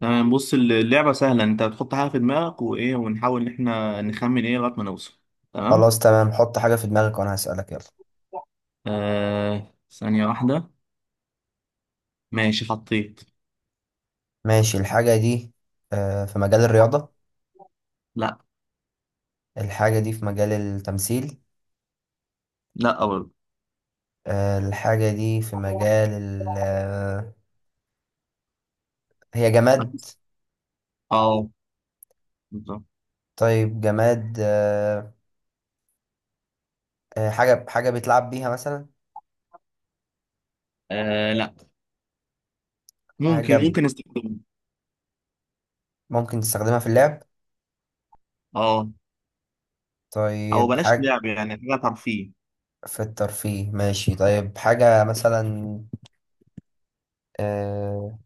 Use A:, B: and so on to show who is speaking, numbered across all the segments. A: تمام، بص، اللعبة سهلة. انت بتحط حاجة في دماغك وايه، ونحاول ان احنا نخمن ايه لغاية ما نوصل. تمام.
B: خلاص تمام، حط حاجة في دماغك وأنا هسألك. يلا
A: ثانية واحدة. ماشي، حطيت.
B: ماشي، الحاجة دي، في مجال الرياضة؟
A: لا.
B: الحاجة دي في مجال التمثيل؟
A: لا برضه.
B: الحاجة دي في مجال ال هي جماد.
A: اه، بالظبط.
B: طيب جماد، حاجة بيتلعب بيها مثلا؟
A: آه لا. ممكن
B: حاجة ب-
A: ممكن نستخدمه.
B: ممكن تستخدمها في اللعب.
A: اه. او
B: طيب
A: بلاش
B: حاجة
A: لعب، يعني حاجة ترفيه.
B: في الترفيه. ماشي طيب، حاجة مثلا آه،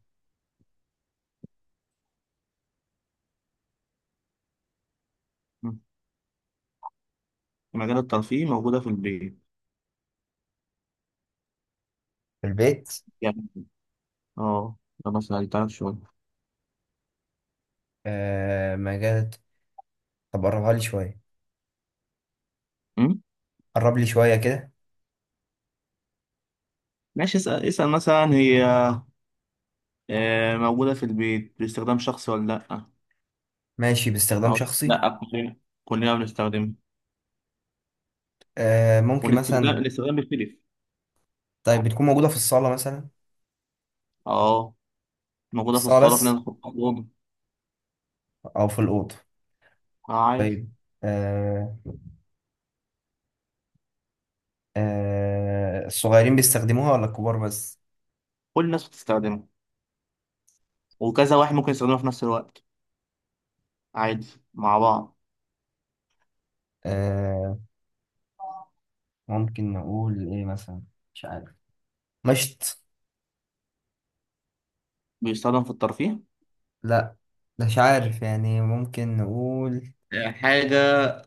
A: مم. في مجال الترفيه موجودة في البيت،
B: في البيت؟
A: يعني. اه. ده مثلا تعرف شوية.
B: مجال. طب قربها لي شوية،
A: مم؟
B: قرب لي شوية كده.
A: ماشي، اسأل اسأل مثلا، هي موجودة في البيت باستخدام شخصي ولا لا؟
B: ماشي، باستخدام شخصي.
A: لا، كلنا بنستخدمها.
B: آه ممكن
A: والاستخدام
B: مثلا.
A: الاستخدام بيختلف.
B: طيب بتكون موجودة في الصالة مثلا؟
A: اه،
B: في
A: موجودة في
B: الصالة
A: الصالة، في ناس
B: بس
A: بتحطها في الأوضة.
B: أو في الأوضة؟
A: آه، عادي.
B: طيب. آه، آه الصغيرين بيستخدموها ولا الكبار بس؟
A: كل الناس بتستخدمه، وكذا واحد ممكن يستخدمه في نفس الوقت. عادي، مع بعض.
B: آه، ممكن نقول إيه مثلا؟ مش عارف. مشط؟
A: بيستخدم في الترفيه.
B: لا مش عارف يعني، ممكن نقول
A: حاجة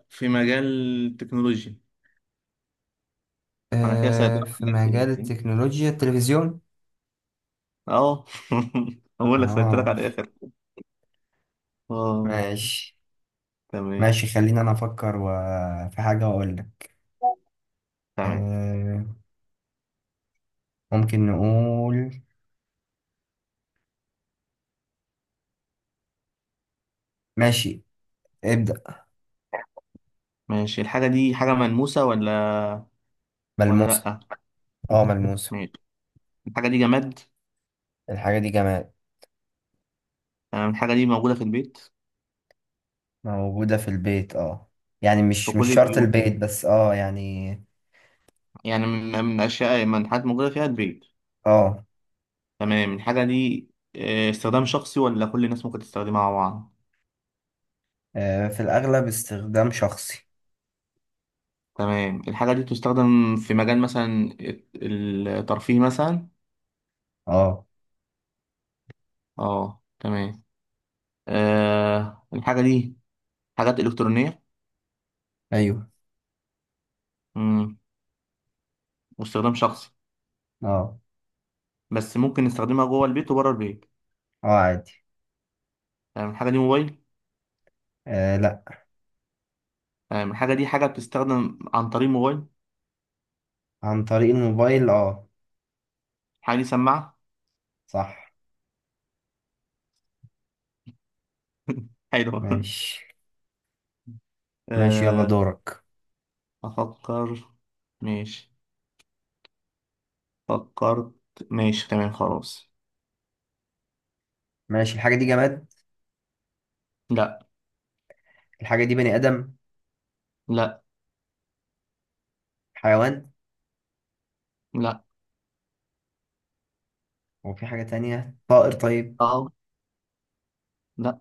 A: في مجال التكنولوجيا. أنا كده سألتلك
B: في
A: على الآخر
B: مجال
A: يعني.
B: التكنولوجيا، التلفزيون؟
A: اه. أقول لك سألتلك
B: اه
A: على الآخر. اه.
B: ماشي.
A: تمام.
B: ماشي خلينا أنا أفكر و في حاجة وأقول لك.
A: تمام.
B: آه ممكن نقول. ماشي. ابدأ.
A: ماشي، الحاجة دي حاجة ملموسة ولا
B: ملموسة.
A: لأ؟
B: اه ملموسة.
A: ماشي، الحاجة دي جماد.
B: الحاجة دي جمال.
A: تمام، الحاجة دي موجودة في البيت.
B: موجودة في البيت اه، يعني
A: في
B: مش
A: كل
B: مش شرط
A: البيوت يعني
B: البيت بس، اه يعني.
A: يعني من أشياء، من حاجات موجودة فيها البيت.
B: اه.
A: تمام، الحاجة دي استخدام شخصي ولا كل الناس ممكن تستخدمها مع بعض؟
B: في الأغلب استخدام شخصي.
A: تمام، الحاجة دي تستخدم في مجال مثلا الترفيه مثلا.
B: اه.
A: اه، تمام. الحاجة دي حاجات إلكترونية.
B: ايوه.
A: مم. واستخدام شخصي،
B: اه.
A: بس ممكن نستخدمها جوه البيت وبره البيت.
B: اه عادي.
A: تمام، الحاجة دي موبايل؟
B: آه لا.
A: تمام، الحاجة دي حاجة بتستخدم عن طريق موبايل.
B: عن طريق الموبايل اه.
A: الحاجة دي سماعة.
B: صح.
A: حلوة.
B: ماشي. ماشي يلا
A: آه
B: دورك.
A: أفكر. ماشي، فكرت. ماشي، تمام، خلاص.
B: ماشي، الحاجة دي جماد؟
A: لا.
B: الحاجة دي بني آدم؟
A: لا.
B: حيوان؟
A: لا.
B: وفي حاجة تانية طائر طيب؟
A: اه. لا.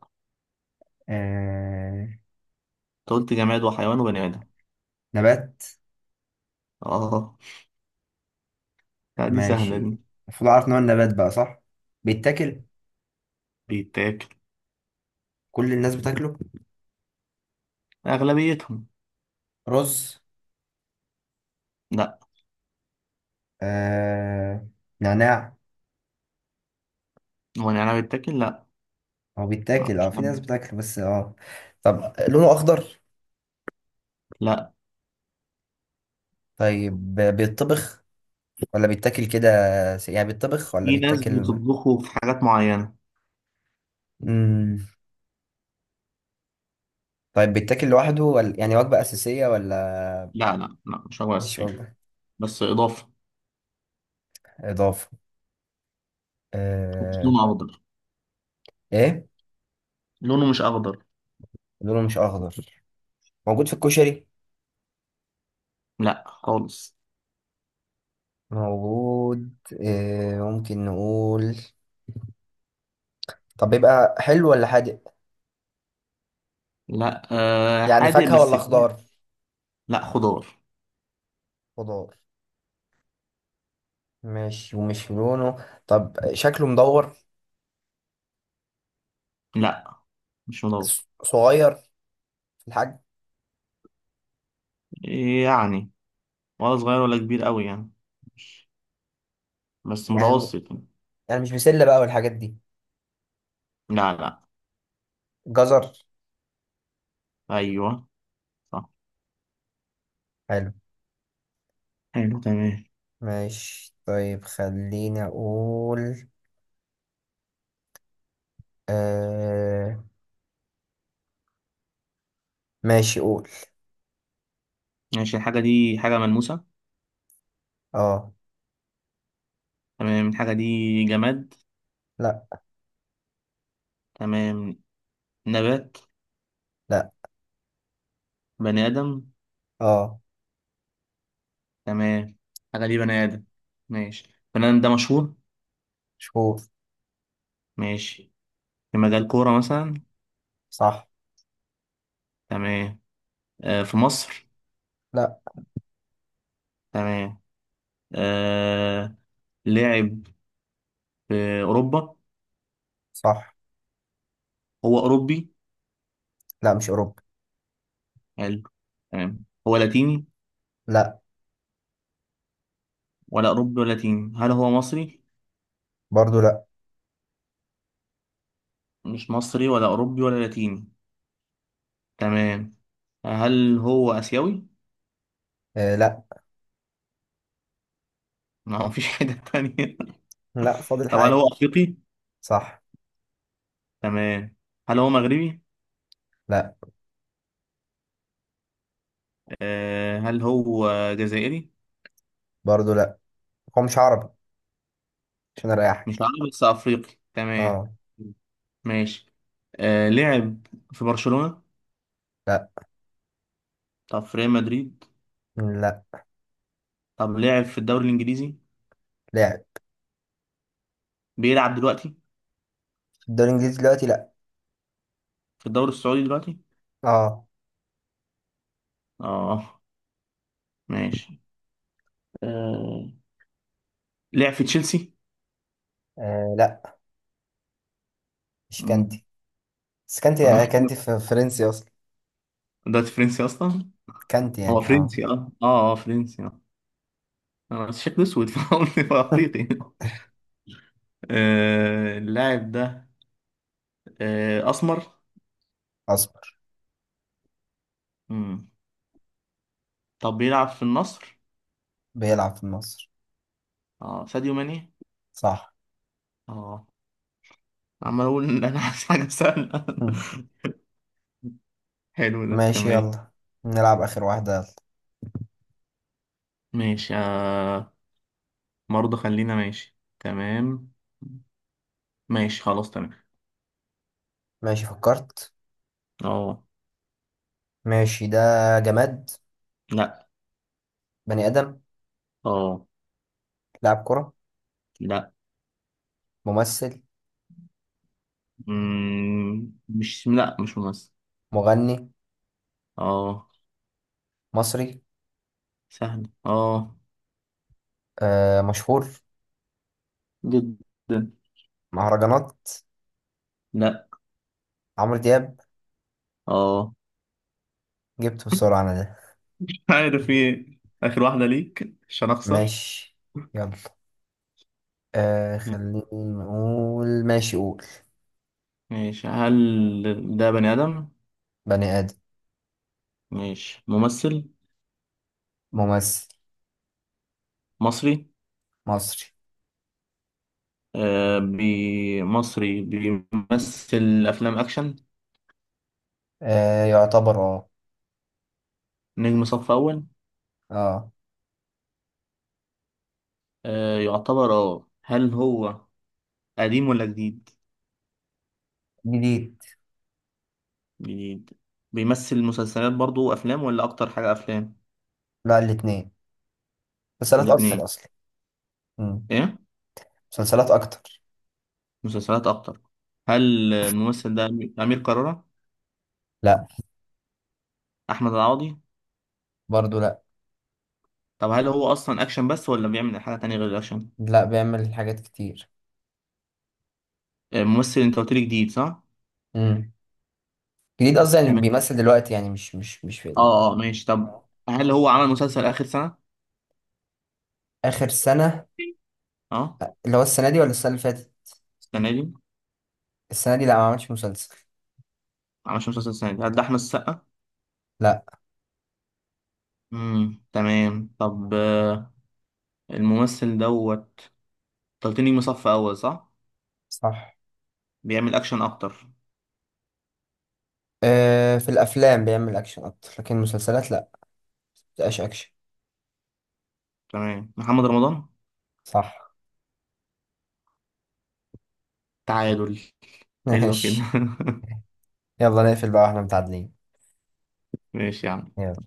B: آه
A: أنت قلت جماد وحيوان وبني ادم.
B: نبات؟
A: اه. لا، دي سهلة
B: ماشي.
A: دي.
B: المفروض أعرف نوع النبات بقى، صح؟ بيتاكل؟
A: بيتاكل.
B: كل الناس بتاكله؟
A: اغلبيتهم.
B: رز؟
A: لا.
B: آه... نعناع؟
A: هو النعناع بيتاكل؟ لا.
B: هو
A: لا
B: بيتاكل اه،
A: مش
B: في
A: نعناع.
B: ناس بتاكله بس اه. طب لونه اخضر؟
A: لا،
B: طيب بيتطبخ ولا بيتاكل كده؟ يعني بيتطبخ ولا
A: في ناس
B: بيتاكل؟
A: بتطبخه في حاجات معينة.
B: مم. طيب بيتاكل لوحده ولا يعني وجبة أساسية ولا؟
A: لا، لا، لا، مش هو
B: مش
A: السيف.
B: وجبة.
A: بس اضافة.
B: إضافة.
A: بس
B: آه...
A: لونه اخضر.
B: إيه؟
A: لونه مش اخضر.
B: لونه مش أخضر. موجود في الكشري؟
A: لا خالص.
B: موجود. ممكن نقول، طب بيبقى حلو ولا حادق؟
A: لا،
B: يعني
A: حادق
B: فاكهة ولا
A: بس فيه.
B: خضار؟
A: لا، خضار.
B: خضار. ماشي، ومش لونه، طب شكله مدور؟
A: لا، مش مضر.
B: صغير في الحجم؟
A: يعني، ولا صغير ولا كبير قوي يعني، بس
B: يعني،
A: متوسط يعني.
B: يعني مش بسلة بقى والحاجات دي؟
A: لا، لا.
B: جزر؟
A: ايوه، صح.
B: حلو.
A: حلو، تمام.
B: ماشي طيب، خليني اقول. آه... ماشي قول.
A: ماشي، الحاجة دي حاجة ملموسة.
B: اه.
A: تمام، الحاجة دي جماد؟
B: لا.
A: تمام. نبات؟
B: لا.
A: بني آدم؟
B: اه.
A: تمام، الحاجة دي بني آدم. ماشي، بني آدم ده مشهور؟
B: شهور.
A: ماشي، في مجال كورة مثلا.
B: صح.
A: تمام. في مصر؟
B: لا.
A: تمام. آه لعب في أوروبا.
B: صح.
A: هو أوروبي؟
B: لا مش اوروبا.
A: حلو، تمام. هو لاتيني؟
B: لا.
A: ولا أوروبي ولا لاتيني؟ هل هو مصري؟
B: برضو لا.
A: مش مصري ولا أوروبي ولا لاتيني. تمام، هل هو آسيوي؟
B: آه. لا.
A: ما هو مفيش حاجة تانية.
B: لا فاضل
A: طب هل
B: حاجة.
A: هو أفريقي؟
B: صح.
A: تمام. هل هو مغربي؟
B: لا.
A: هل هو جزائري؟
B: برضو لا. هو مش عربي عشان
A: مش
B: اريحك.
A: عربي بس أفريقي، تمام.
B: اه.
A: ماشي. لعب في برشلونة؟
B: لا.
A: طب في ريال مدريد؟
B: لا.
A: طب لعب في الدوري الإنجليزي،
B: لاعب.
A: بيلعب دلوقتي؟
B: في الدوري الانجليزي دلوقتي لا.
A: في الدوري السعودي دلوقتي.
B: اه.
A: اه. ماشي. آه لعب في تشيلسي؟
B: آه لا، مش
A: مم.
B: كانتي. بس كانتي في فرنسي اصلا.
A: ده فرنسي أصلا.
B: كانتي
A: هو
B: يعني اه.
A: فرنسي فرنسي. انا شكله اسود، فقلت افريقي. اللاعب ده اسمر.
B: اصبر.
A: مم. طب بيلعب في النصر.
B: بيلعب في مصر.
A: اه، ساديو ماني.
B: صح.
A: اه. عمال اقول ان انا عايز حاجه سهله.
B: مم.
A: حلو، ده
B: ماشي
A: تمام.
B: يلا، نلعب اخر واحدة. يلا
A: ماشي. برضه، خلينا. ماشي، تمام. ماشي، خلاص، تمام.
B: ماشي فكرت.
A: اه.
B: ماشي، ده جماد؟
A: لا.
B: بني ادم؟
A: اه.
B: لاعب كرة؟
A: لا.
B: ممثل؟
A: مم. مش لا، مش ممثل.
B: مغني؟
A: اه،
B: مصري؟
A: سهل. اه،
B: آه مشهور؟
A: جدا.
B: مهرجانات؟
A: لا.
B: عمرو دياب؟
A: اه.
B: جبته بسرعة انا ده.
A: عارف ايه، اخر واحدة ليك عشان اخسر.
B: ماشي يلا. آه خلينا نقول. ماشي قول.
A: ماشي، هل ده بني آدم؟
B: بني ادم.
A: ماشي، ممثل
B: ممثل.
A: مصري؟
B: مصري.
A: آه بي مصري بيمثل أفلام أكشن.
B: آه يعتبر اه.
A: نجم صف أول.
B: اه
A: يعتبر. اه، هل هو قديم ولا جديد؟
B: جديد.
A: جديد. بيمثل مسلسلات برضو وأفلام، ولا أكتر حاجة أفلام؟
B: لا الاتنين، مسلسلات
A: الاتنين؟
B: اكتر اصلا. مم.
A: إيه،
B: مسلسلات اكتر.
A: مسلسلات أكتر؟ هل الممثل ده أمير قرارة؟
B: لا.
A: أحمد العوضي؟
B: برضو لا.
A: طب هل هو أصلا أكشن بس، ولا بيعمل حاجة تانية غير الأكشن؟
B: لا بيعمل حاجات كتير.
A: ممثل. انت قلت لي جديد صح؟
B: مم. جديد قصدي، يعني
A: تمام.
B: بيمثل دلوقتي يعني، مش في ال
A: اه ماشي، طب هل هو عمل مسلسل اخر سنة؟
B: اخر سنة.
A: اه،
B: اللي هو السنة دي ولا السنة اللي فاتت؟
A: السنة دي ما
B: السنة دي لا ما عملش مسلسل.
A: عملش مسلسل. السنة دي هل ده احمد السقا؟
B: لا.
A: تمام. طب، الممثل دوت، انت قلت لي نجم صف اول صح؟
B: صح.
A: بيعمل اكشن اكتر.
B: آه في الافلام بيعمل اكشن اكتر، لكن المسلسلات لا، مبتبقاش اكشن.
A: تمام، محمد رمضان.
B: صح.
A: تعادل. حلو كده.
B: ماشي. يلا نقفل بقى واحنا متعادلين.
A: ماشي يا عم.
B: يلا.